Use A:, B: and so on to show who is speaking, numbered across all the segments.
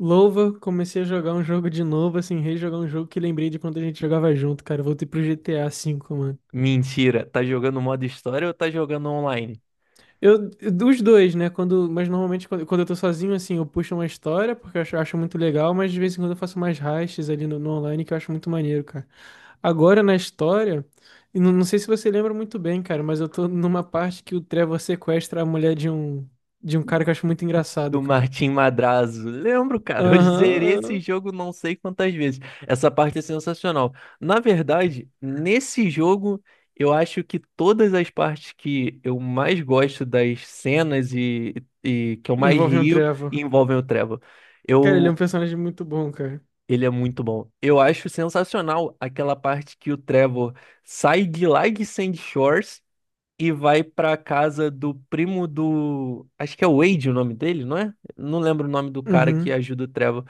A: Louva, comecei a jogar um jogo de novo, assim, rejogar um jogo que lembrei de quando a gente jogava junto, cara. Voltei pro GTA V, mano.
B: Mentira, tá jogando modo história ou tá jogando online?
A: Eu, dos dois, né? Mas normalmente quando eu tô sozinho, assim, eu puxo uma história, porque eu acho muito legal, mas de vez em quando eu faço mais heists ali no online, que eu acho muito maneiro, cara. Agora na história, e não sei se você lembra muito bem, cara, mas eu tô numa parte que o Trevor sequestra a mulher de um cara que eu acho muito engraçado,
B: Do
A: cara.
B: Martim Madrazo. Lembro, cara, eu
A: Aham,
B: zerei esse
A: aham.
B: jogo não sei quantas vezes. Essa parte é sensacional. Na verdade, nesse jogo, eu acho que todas as partes que eu mais gosto das cenas e que eu mais
A: Envolve um
B: rio
A: Trevor.
B: envolvem o Trevor.
A: Cara, ele é um
B: Eu,
A: personagem muito bom, cara.
B: Ele é muito bom. Eu acho sensacional aquela parte que o Trevor sai de lá de Sandy Shores e vai pra casa do primo do. Acho que é Wade o nome dele, não é? Não lembro o nome do cara que
A: Uhum.
B: ajuda o Trevor.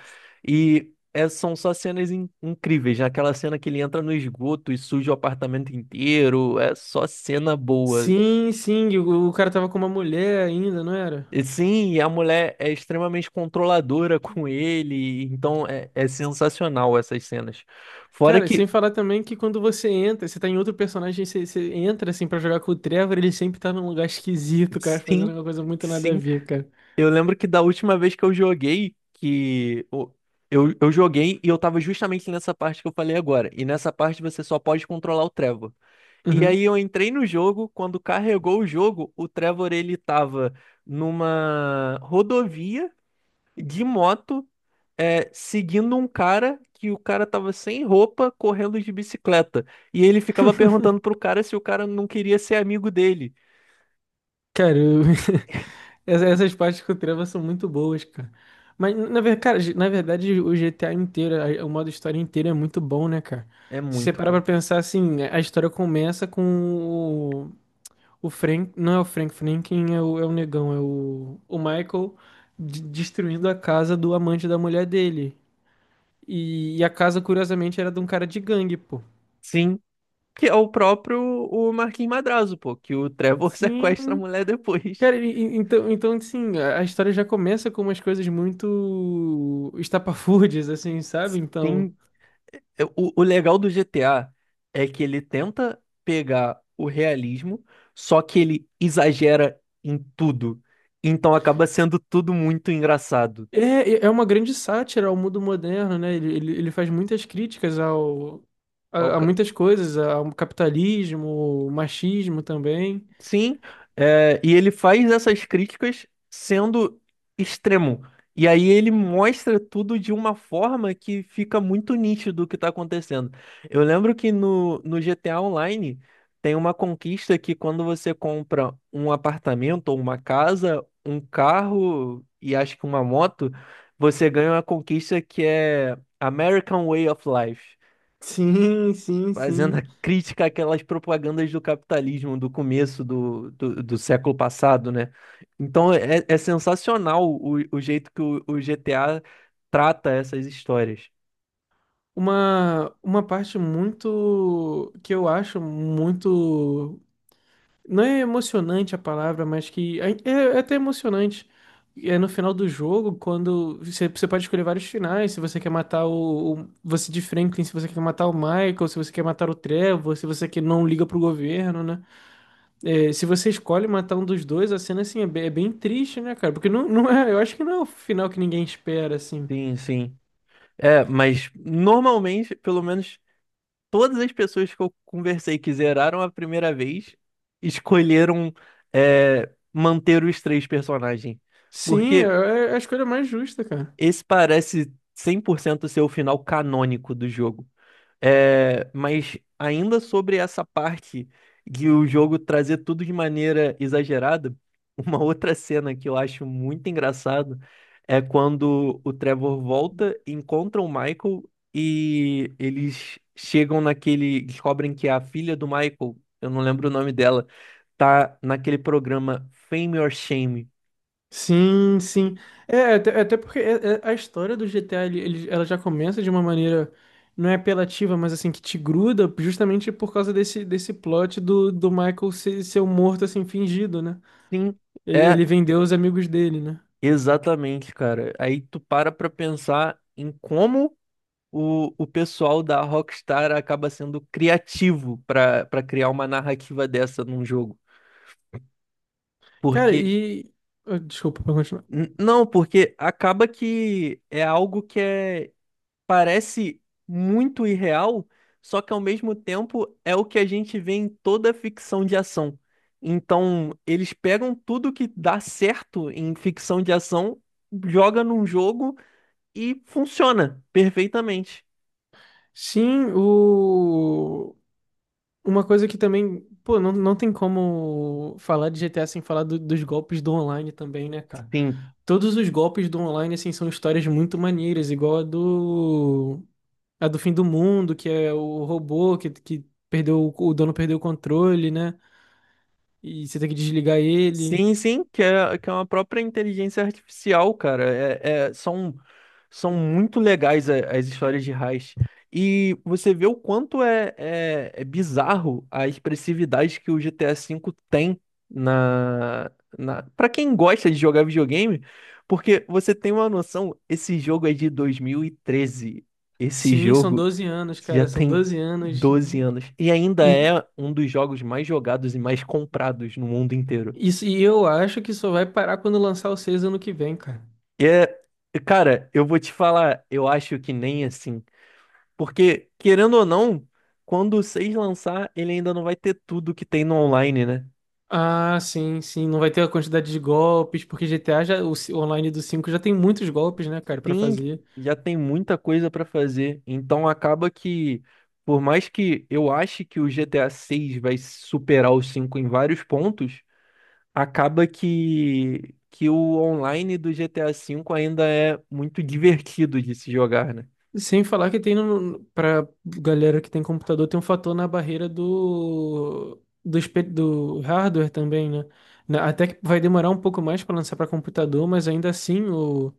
B: E são só cenas incríveis. Né? Aquela cena que ele entra no esgoto e suja o apartamento inteiro. É só cena boa.
A: Sim, sim, e o cara tava com uma mulher ainda, não era?
B: E sim, e a mulher é extremamente controladora com ele. Então é sensacional essas cenas. Fora
A: Cara,
B: que.
A: sem falar também que quando você entra, você tá em outro personagem, você entra assim pra jogar com o Trevor, ele sempre tá num lugar esquisito, cara, fazendo
B: Sim.
A: uma coisa muito nada a
B: Sim.
A: ver, cara.
B: Eu lembro que da última vez que eu joguei, eu joguei e eu tava justamente nessa parte que eu falei agora. E nessa parte você só pode controlar o Trevor. E aí
A: Uhum.
B: eu entrei no jogo, quando carregou o jogo, o Trevor ele tava numa rodovia de moto, seguindo um cara que o cara tava sem roupa, correndo de bicicleta. E ele ficava perguntando pro cara se o cara não queria ser amigo dele.
A: Cara, essas partes com o Trevor são muito boas, cara. Mas, na verdade, cara, o GTA inteiro, o modo história inteiro é muito bom, né, cara?
B: É
A: Se você
B: muito,
A: parar
B: cara.
A: pra pensar assim, a história começa com o Frank, não é o Frank Franklin, é o negão, é o Michael destruindo a casa do amante da mulher dele. E a casa, curiosamente, era de um cara de gangue, pô.
B: Sim, que é o próprio o Marquinhos Madrazo, pô, que o Trevor sequestra a
A: Sim,
B: mulher depois.
A: cara, então, assim, a história já começa com umas coisas muito estapafúrdias, assim, sabe? Então,
B: Sim. O legal do GTA é que ele tenta pegar o realismo, só que ele exagera em tudo. Então acaba sendo tudo muito engraçado.
A: é, é uma grande sátira ao mundo moderno, né? Ele faz muitas críticas ao,
B: Ao
A: a, a
B: ca-
A: muitas coisas, ao capitalismo, machismo também.
B: Sim, e ele faz essas críticas sendo extremo. E aí ele mostra tudo de uma forma que fica muito nítido o que está acontecendo. Eu lembro que no GTA Online tem uma conquista que quando você compra um apartamento ou uma casa, um carro e acho que uma moto, você ganha uma conquista que é American Way of Life,
A: Sim, sim,
B: fazendo
A: sim.
B: a crítica àquelas propagandas do capitalismo do começo do século passado, né? Então é sensacional o jeito que o GTA trata essas histórias.
A: Uma parte muito que eu acho muito. Não é emocionante a palavra, mas que é até emocionante. É no final do jogo, quando você pode escolher vários finais, se você quer matar o você de Franklin, se você quer matar o Michael, se você quer matar o Trevor, se você que não liga pro governo, né? É, se você escolhe matar um dos dois, a cena assim é bem triste, né, cara? Porque não é, eu acho que não é o final que ninguém espera, assim.
B: Sim, sim. É, mas normalmente, pelo menos todas as pessoas que eu conversei que zeraram a primeira vez escolheram manter os três personagens.
A: Sim,
B: Porque
A: é a escolha mais justa, cara.
B: esse parece 100% ser o final canônico do jogo. É, mas ainda sobre essa parte de o jogo trazer tudo de maneira exagerada, uma outra cena que eu acho muito engraçado é quando o Trevor volta, encontra o Michael e eles chegam naquele, descobrem que é a filha do Michael, eu não lembro o nome dela, tá naquele programa Fame or Shame.
A: Sim, sim. É, até porque a história do GTA, ela já começa de uma maneira, não é apelativa, mas assim, que te gruda, justamente por causa desse plot do Michael ser um morto, assim, fingido, né?
B: Sim,
A: Ele,
B: é
A: ele vendeu os amigos dele, né?
B: exatamente, cara. Aí tu para pra pensar em como o pessoal da Rockstar acaba sendo criativo pra para criar uma narrativa dessa num jogo.
A: Cara,
B: Porque,
A: ah, desculpa, pra continuar.
B: não, porque acaba que é algo que é parece muito irreal, só que ao mesmo tempo é o que a gente vê em toda ficção de ação. Então, eles pegam tudo que dá certo em ficção de ação, joga num jogo e funciona perfeitamente.
A: Sim. Uma coisa que também, pô, não tem como falar de GTA sem falar dos golpes do online também, né, cara?
B: Sim.
A: Todos os golpes do online, assim, são histórias muito maneiras, igual a do. A do fim do mundo, que é o robô que perdeu. O dono perdeu o controle, né? E você tem que desligar ele.
B: Sim, sim, que é uma própria inteligência artificial, cara. São muito legais as histórias de Heist. E você vê o quanto é bizarro a expressividade que o GTA V tem. na, Para quem gosta de jogar videogame, porque você tem uma noção, esse jogo é de 2013. Esse
A: Sim, são
B: jogo
A: 12 anos,
B: já
A: cara, são
B: tem
A: 12 anos.
B: 12 anos. E ainda
A: E
B: é um dos jogos mais jogados e mais comprados no mundo inteiro.
A: isso, e eu acho que só vai parar quando lançar o seis ano que vem, cara.
B: É, cara, eu vou te falar, eu acho que nem assim. Porque, querendo ou não, quando o 6 lançar, ele ainda não vai ter tudo que tem no online, né?
A: Ah, sim, sim, não vai ter a quantidade de golpes, porque GTA já, o online do cinco já tem muitos golpes, né, cara, pra
B: Sim,
A: fazer.
B: já tem muita coisa pra fazer. Então acaba que, por mais que eu ache que o GTA 6 vai superar o 5 em vários pontos, acaba que o online do GTA 5 ainda é muito divertido de se jogar, né?
A: Sem falar que tem no, pra galera que tem computador, tem um fator na barreira do hardware também, né? Até que vai demorar um pouco mais para lançar para computador, mas ainda assim o,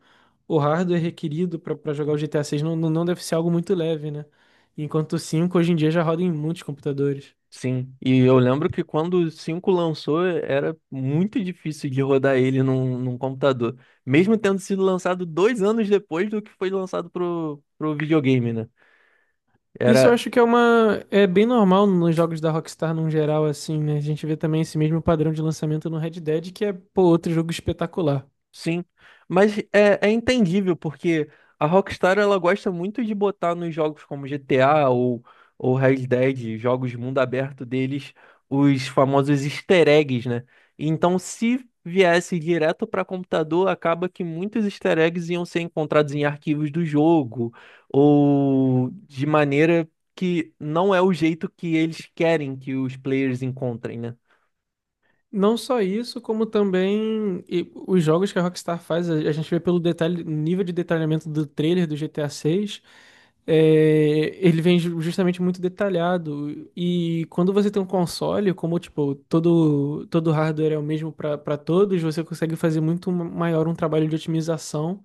A: o hardware requerido para jogar o GTA 6 não deve ser algo muito leve, né? Enquanto o cinco hoje em dia já roda em muitos computadores.
B: Sim, e eu lembro que quando o 5 lançou, era muito difícil de rodar ele num computador. Mesmo tendo sido lançado 2 anos depois do que foi lançado pro videogame, né?
A: Isso eu
B: Era,
A: acho que é uma é bem normal nos jogos da Rockstar num geral assim, né? A gente vê também esse mesmo padrão de lançamento no Red Dead, que é, pô, outro jogo espetacular.
B: Sim, mas é entendível porque a Rockstar ela gosta muito de botar nos jogos como GTA ou Red Dead, jogos de mundo aberto deles, os famosos easter eggs, né? Então, se viesse direto para computador, acaba que muitos easter eggs iam ser encontrados em arquivos do jogo ou de maneira que não é o jeito que eles querem que os players encontrem, né?
A: Não só isso, como também e os jogos que a Rockstar faz, a gente vê pelo detalhe, nível de detalhamento do trailer do GTA 6, ele vem justamente muito detalhado. E quando você tem um console, como tipo, todo hardware é o mesmo para todos, você consegue fazer muito maior um trabalho de otimização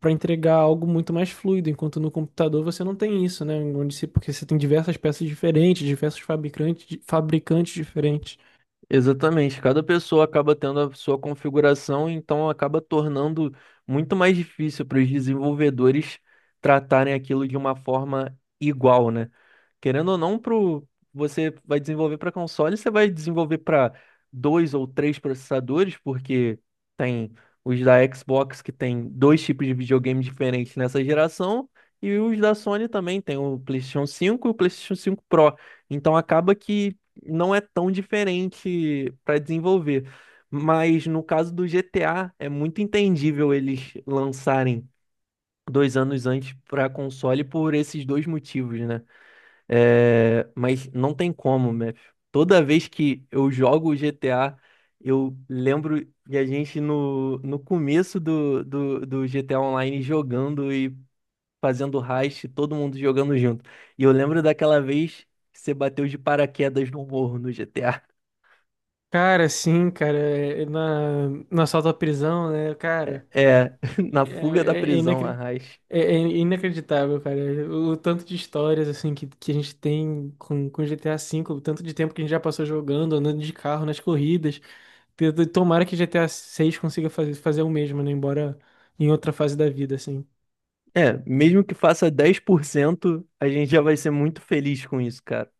A: para entregar algo muito mais fluido, enquanto no computador você não tem isso, né? Onde se- Porque você tem diversas peças diferentes, diversos fabricantes, diferentes.
B: Exatamente, cada pessoa acaba tendo a sua configuração, então acaba tornando muito mais difícil para os desenvolvedores tratarem aquilo de uma forma igual, né? Querendo ou não, você vai desenvolver para console, você vai desenvolver para dois ou três processadores, porque tem os da Xbox que tem dois tipos de videogame diferentes nessa geração, e os da Sony também, tem o PlayStation 5 e o PlayStation 5 Pro. Então acaba que não é tão diferente para desenvolver. Mas no caso do GTA, é muito entendível eles lançarem 2 anos antes para console por esses dois motivos, né? É, mas não tem como, Mef. Toda vez que eu jogo o GTA, eu lembro de a gente no começo do GTA Online jogando e fazendo heist, todo mundo jogando junto. E eu lembro daquela vez que você bateu de paraquedas no morro no GTA.
A: Cara, sim, cara, é no assalto à prisão, né, cara,
B: É, na
A: é,
B: fuga da
A: é, é
B: prisão,
A: inacre-
B: Arras.
A: é inacreditável, cara, o tanto de histórias, assim, que a gente tem com GTA V, o tanto de tempo que a gente já passou jogando, andando de carro, nas corridas. Tomara que GTA seis consiga fazer o mesmo, né, embora em outra fase da vida, assim.
B: É, mesmo que faça 10%, a gente já vai ser muito feliz com isso, cara.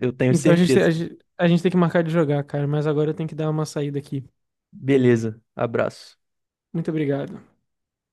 B: Eu tenho
A: Então a gente, te-
B: certeza.
A: a gente tem que marcar de jogar, cara, mas agora eu tenho que dar uma saída aqui.
B: Beleza, abraço.
A: Muito obrigado.